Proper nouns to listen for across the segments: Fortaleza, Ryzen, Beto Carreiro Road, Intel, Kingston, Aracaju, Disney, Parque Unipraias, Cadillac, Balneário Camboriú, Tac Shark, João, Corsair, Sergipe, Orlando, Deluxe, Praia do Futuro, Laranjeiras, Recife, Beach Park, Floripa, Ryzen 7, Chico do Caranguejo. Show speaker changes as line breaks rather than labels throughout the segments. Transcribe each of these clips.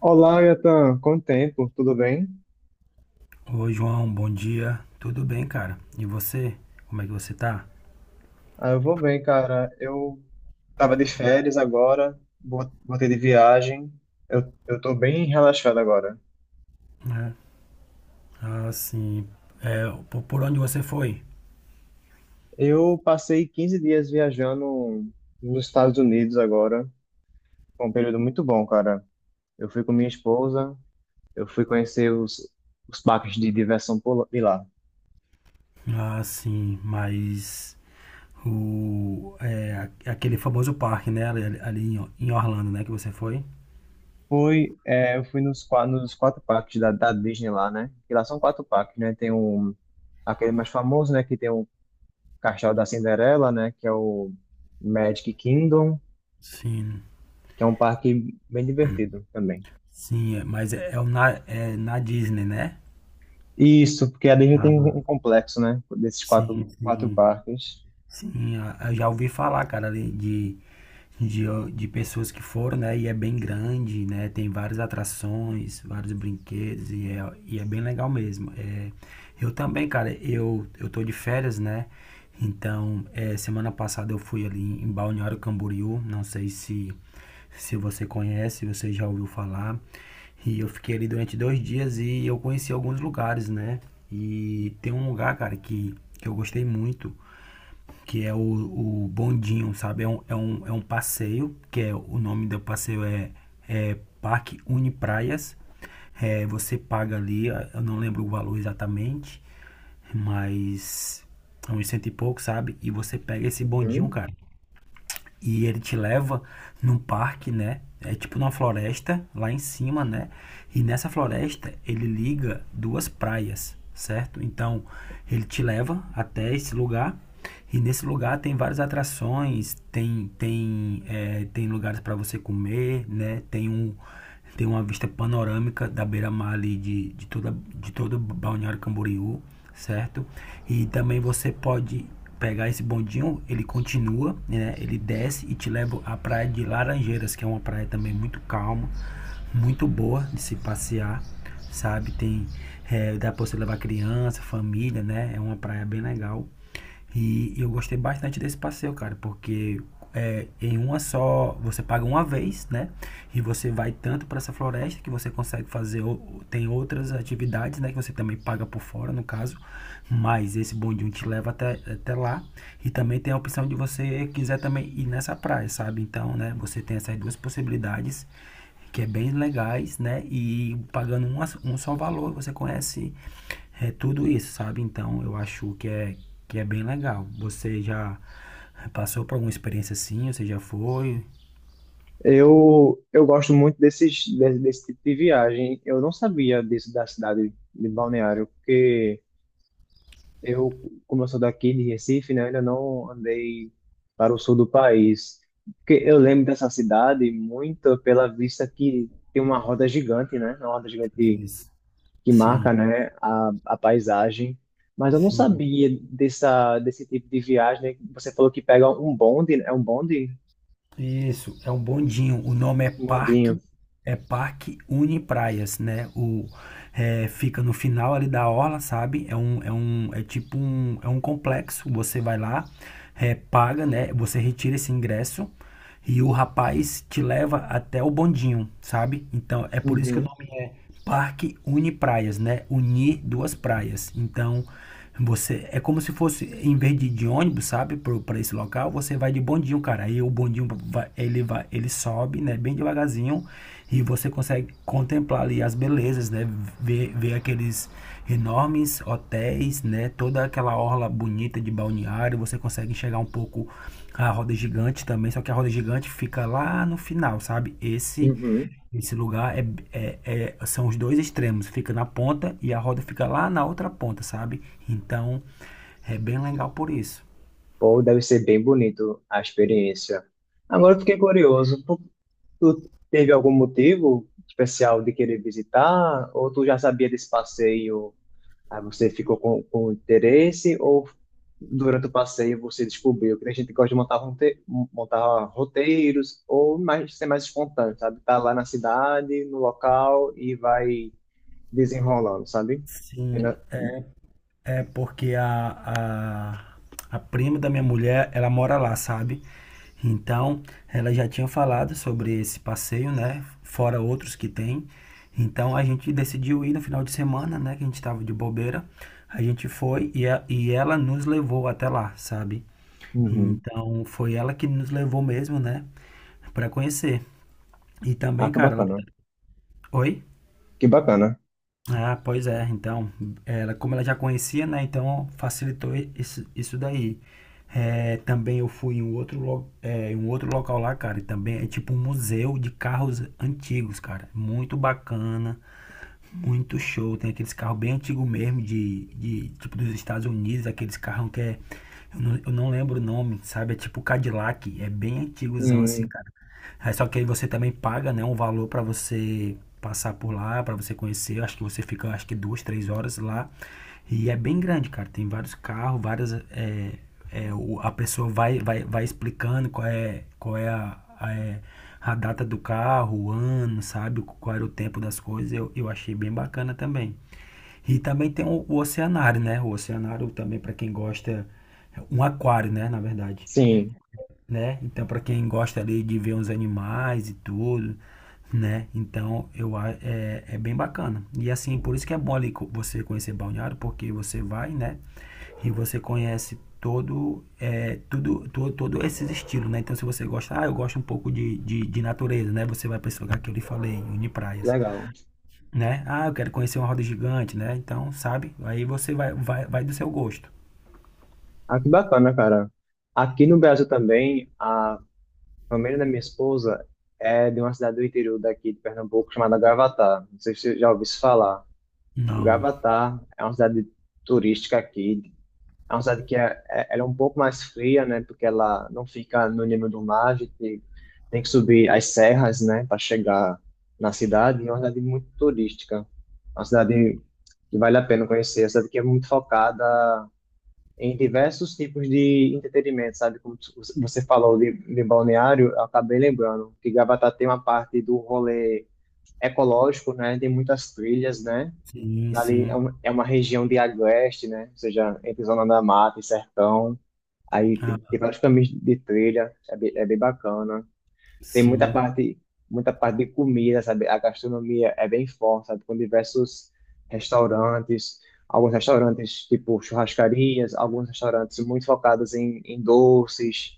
Olá, Yatan. Quanto tempo? Tudo bem?
Oi, João, bom dia. Tudo bem, cara? E você? Como é que você tá?
Ah, eu vou bem, cara. Eu Tava de férias agora, voltei de viagem. Eu tô bem relaxado agora.
É. Ah, sim. É, por onde você foi?
Eu passei 15 dias viajando nos Estados Unidos agora. Foi um período muito bom, cara. Eu fui com minha esposa, eu fui conhecer os parques de diversão de lá.
Ah, sim, mas o é, aquele famoso parque, né? Ali em Orlando, né? Que você foi?
Fui, é, eu fui nos 4 parques da Disney lá, né? Que lá são 4 parques, né? Tem um, aquele mais famoso, né, que tem um Castelo da Cinderela, né? Que é o Magic Kingdom,
Sim,
que é um parque bem divertido também.
sim, é, mas é na Disney, né?
Isso, porque a Disney tem
Ah,
um complexo, né? Desses
sim,
quatro
sim.
parques.
Sim, ah, eu já ouvi falar, cara, ali de, de pessoas que foram, né? E é bem grande, né? Tem várias atrações, vários brinquedos e é bem legal mesmo. É, eu também, cara, eu tô de férias, né? Então, semana passada eu fui ali em Balneário Camboriú, não sei se você conhece, você já ouviu falar. E eu fiquei ali durante 2 dias e eu conheci alguns lugares, né? E tem um lugar, cara, que eu gostei muito, que é o bondinho, sabe? É um passeio, que é o nome do passeio é Parque Unipraias. Você paga ali, eu não lembro o valor exatamente, mas é uns cento e pouco, sabe? E você pega esse bondinho,
Uhum.
cara. E ele te leva num parque, né? É tipo numa floresta lá em cima, né? E nessa floresta ele liga duas praias, certo? Então ele te leva até esse lugar. E nesse lugar tem várias atrações, tem lugares para você comer, né? Tem uma vista panorâmica da beira-mar ali de todo Balneário Camboriú, certo? E também você pode pegar esse bondinho, ele continua, né? Ele desce e te leva à praia de Laranjeiras, que é uma praia também muito calma, muito boa de se passear, sabe? Dá pra você levar criança, família, né? É uma praia bem legal. E eu gostei bastante desse passeio, cara, porque em uma só, você paga uma vez, né? E você vai tanto para essa floresta que você consegue fazer, tem outras atividades, né? Que você também paga por fora, no caso. Mas esse bondinho te leva até lá. E também tem a opção de você quiser também ir nessa praia, sabe? Então, né? Você tem essas duas possibilidades que é bem legais, né? E pagando um só valor, você conhece tudo isso, sabe? Então eu acho que é bem legal. Você já passou por alguma experiência assim? Você já foi?
Eu gosto muito desse tipo de viagem. Eu não sabia disso da cidade de Balneário, porque eu, como eu sou daqui de Recife, né? Ainda não andei para o sul do país. Porque eu lembro dessa cidade muito pela vista que tem uma roda gigante, né? Uma roda gigante
Isso.
que
Sim,
marca, né, a paisagem. Mas eu não
sim.
sabia desse tipo de viagem, né? Você falou que pega um bonde, né? É um bonde?
Isso, é um bondinho. O nome é
Um bondinho.
Parque Uni Praias, né? Fica no final ali da orla, sabe? É um, é um, é tipo um, é um complexo. Você vai lá, paga, né? Você retira esse ingresso e o rapaz te leva até o bondinho, sabe? Então é por isso que o
Uhum,
nome é Parque Uni Praias, né? Unir duas praias. Então você é como se fosse em vez de ônibus, sabe, para esse local, você vai de bondinho, cara. Aí o bondinho ele vai, ele sobe, né, bem devagarzinho, e você consegue contemplar ali as belezas, né, ver aqueles enormes hotéis, né, toda aquela orla bonita de balneário, você consegue enxergar um pouco a roda gigante também, só que a roda gigante fica lá no final, sabe? Esse
uhum.
esse lugar são os dois extremos, fica na ponta e a roda fica lá na outra ponta, sabe? Então é bem legal por isso.
Pô, deve ser bem bonito a experiência. Agora eu fiquei curioso, tu teve algum motivo especial de querer visitar? Ou tu já sabia desse passeio? Aí você ficou com interesse, ou durante o passeio você descobriu que a gente gosta de montar, montar roteiros, ou mais, ser mais espontâneo, sabe? Tá lá na cidade, no local, e vai desenrolando, sabe?
Sim,
Ela-
é porque a prima da minha mulher, ela mora lá, sabe? Então ela já tinha falado sobre esse passeio, né? Fora outros que tem. Então a gente decidiu ir no final de semana, né? Que a gente tava de bobeira. A gente foi e ela nos levou até lá, sabe?
Uhum.
Então foi ela que nos levou mesmo, né, pra conhecer. E
Ah,
também,
que
cara,
bacana.
Oi?
Que bacana.
Ah, pois é. Então, ela, como ela já conhecia, né, então facilitou isso, isso daí. É, também eu fui em um outro local lá, cara, e também é tipo um museu de carros antigos, cara. Muito bacana. Muito show. Tem aqueles carros bem antigos mesmo, de tipo dos Estados Unidos, aqueles carros que é. Eu não lembro o nome, sabe? É tipo Cadillac. É bem antigozão assim,
Hum,
cara. Aí, só que aí você também paga, né, um valor pra você passar por lá, pra você conhecer. Eu acho que você fica, acho que 2, 3 horas lá. E é bem grande, cara. Tem vários carros, várias, é, é, o, a pessoa vai explicando qual é a data do carro, o ano, sabe? Qual era o tempo das coisas. Eu achei bem bacana também. E também tem o oceanário, né? O oceanário também, para quem gosta, é um aquário, né? Na verdade,
sim.
né? Então, para quem gosta ali de ver uns animais e tudo, né? Então, é bem bacana. E assim, por isso que é bom ali você conhecer Balneário, porque você vai, né? E você conhece todo, é, tudo, todo, todo esses estilos, né? Então, se você gosta, ah, eu gosto um pouco de natureza, né? Você vai para esse lugar que eu lhe falei, Unipraias,
Legal.
né? Ah, eu quero conhecer uma roda gigante, né? Então, sabe? Aí você vai do seu gosto.
Ah, que bacana, cara. Aqui no Brasil também, a família da minha esposa é de uma cidade do interior daqui de Pernambuco chamada Gravatá. Não sei se você já ouviu isso falar.
Não.
Gravatá é uma cidade turística aqui. É uma cidade que ela é um pouco mais fria, né? Porque ela não fica no nível do mar, a gente tem que subir as serras, né? Para chegar na cidade. E é uma cidade muito turística. Uma cidade que vale a pena conhecer. É uma cidade que é muito focada em diversos tipos de entretenimento, sabe? Como você falou de balneário, eu acabei lembrando que Gravatá tem uma parte do rolê ecológico, né? Tem muitas trilhas, né?
Sim,
Ali é
sim.
um- é uma região de agreste, né? Ou seja, entre Zona da Mata e Sertão. Aí tem
Ah,
vários caminhos de trilha, é bem bacana. Tem
sim.
muita parte de comida, sabe? A gastronomia é bem forte, sabe? Com diversos restaurantes, alguns restaurantes tipo churrascarias, alguns restaurantes muito focados em doces.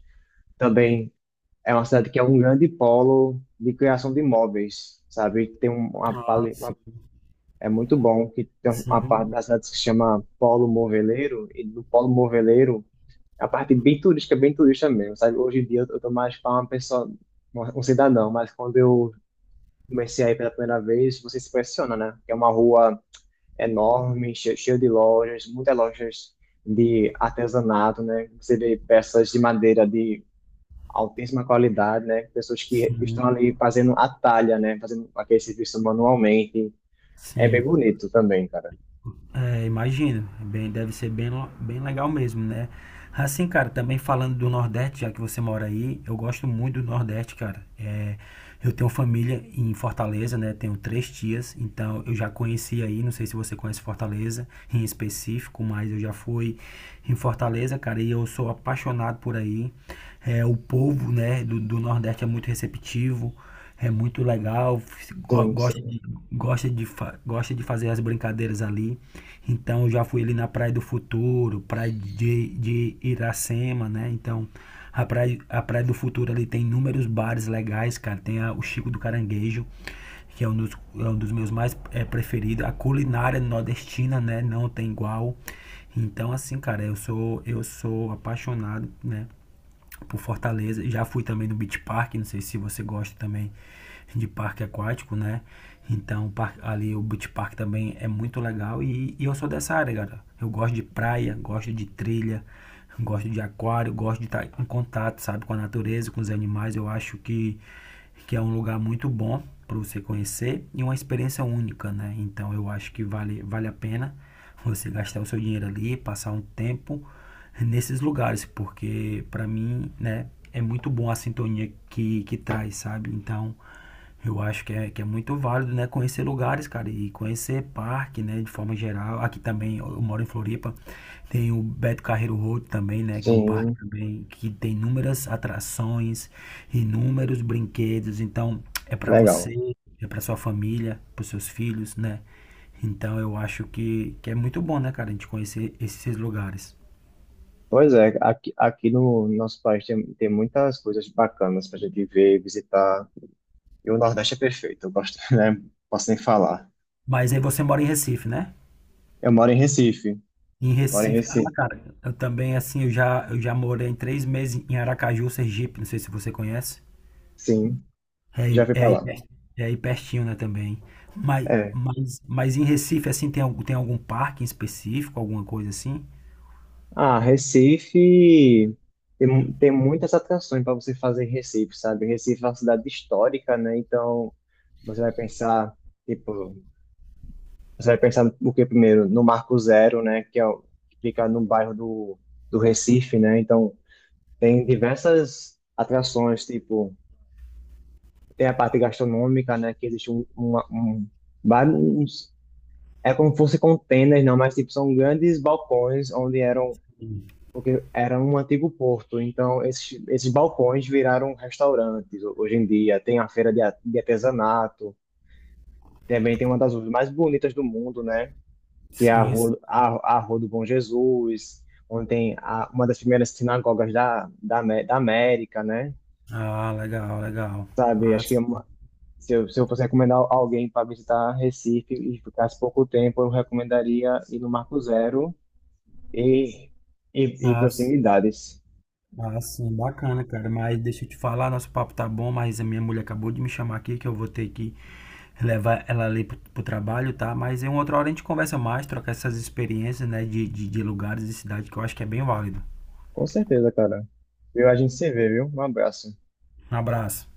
Também é uma cidade que é um grande polo de criação de imóveis, sabe? Tem
Ah,
uma,
sim.
é muito bom, que tem uma parte
Sim,
da cidade que se chama Polo Moveleiro, e do Polo Moveleiro é a parte bem turística, bem turista mesmo, sabe? Hoje em dia eu tô mais para uma pessoa, um cidadão, mas quando eu comecei aí pela primeira vez, você se impressiona, né? É uma rua enorme, cheia de lojas, muitas lojas de artesanato, né? Você vê peças de madeira de altíssima qualidade, né? Pessoas que
sim,
estão ali fazendo a talha, né? Fazendo aquele serviço manualmente. É bem
sim.
bonito também, cara.
É, imagino. É bem, deve ser bem legal mesmo, né? Assim, cara, também falando do Nordeste, já que você mora aí, eu gosto muito do Nordeste, cara. Eu tenho família em Fortaleza, né? Tenho três tias, então eu já conheci aí, não sei se você conhece Fortaleza em específico, mas eu já fui em Fortaleza, cara, e eu sou apaixonado por aí. O povo, né, do Nordeste é muito receptivo. É muito legal. go-
Sim,
gosta
sim.
de, gosta de, fa- gosta de fazer as brincadeiras ali. Então eu já fui ali na Praia do Futuro, Praia de Iracema, né? Então a praia do Futuro ali tem inúmeros bares legais, cara. Tem o Chico do Caranguejo, que é um dos meus mais preferidos. A culinária nordestina, né? Não tem igual. Então, assim, cara, eu sou apaixonado, né, por Fortaleza. Já fui também no Beach Park, não sei se você gosta também de parque aquático, né? Então, ali o Beach Park também é muito legal e eu sou dessa área, cara. Eu gosto de praia, gosto de trilha, gosto de aquário, gosto de estar em contato, sabe, com a natureza, com os animais. Eu acho que é um lugar muito bom para você conhecer e uma experiência única, né? Então eu acho que vale a pena você gastar o seu dinheiro ali, passar um tempo nesses lugares, porque para mim, né, é muito bom a sintonia que traz, sabe? Então eu acho que é muito válido, né? Conhecer lugares, cara, e conhecer parque, né? De forma geral. Aqui também, eu moro em Floripa, tem o Beto Carreiro Road também, né? Que é um parque
Sim,
também que tem inúmeras atrações, inúmeros brinquedos. Então, é pra
legal.
você, é pra sua família, pros seus filhos, né? Então, eu acho que é muito bom, né, cara, a gente conhecer esses lugares.
Pois é, aqui, aqui no nosso país tem, tem muitas coisas bacanas pra gente ver, visitar. E o Nordeste é perfeito, eu gosto, né? Posso nem falar.
Mas aí você mora em Recife, né?
Eu moro em Recife.
Em
Moro em
Recife, ah,
Recife.
cara, eu também, assim, eu já morei 3 meses em Aracaju, Sergipe, não sei se você conhece.
Sim,
É
já
aí,
fui
é
pra
aí,
lá.
per- é aí pertinho, né, também. Mas,
É.
mas, mas em Recife, assim, tem algum parque em específico, alguma coisa assim?
Ah, Recife tem, tem muitas atrações para você fazer em Recife, sabe? Recife é uma cidade histórica, né? Então, você vai pensar, tipo, você vai pensar o que primeiro? No Marco Zero, né? Que fica no bairro do Recife, né? Então, tem diversas atrações, tipo, tem a parte gastronômica, né? Que existe vários é como se fosse containers, não, mas tipo, são grandes balcões onde eram, porque era um antigo porto. Então, esses balcões viraram restaurantes hoje em dia. Tem a feira de artesanato, também tem uma das ruas mais bonitas do mundo, né? Que é a
Sim. Sim.
A Rua do Bom Jesus, onde tem uma das primeiras sinagogas da América, né?
Ah, legal, legal.
Sabe,
Ah,
acho que é
sim.
se eu fosse recomendar alguém para visitar Recife e ficasse pouco tempo, eu recomendaria ir no Marco Zero E, e
Ah, sim.
proximidades.
Ah, sim, bacana, cara. Mas deixa eu te falar, nosso papo tá bom, mas a minha mulher acabou de me chamar aqui que eu vou ter que levar ela ali pro trabalho, tá? Mas em uma outra hora a gente conversa mais, trocar essas experiências, né? De lugares e cidade que eu acho que é bem válido.
Com certeza, cara. Viu? A gente se vê, viu? Um abraço.
Um abraço.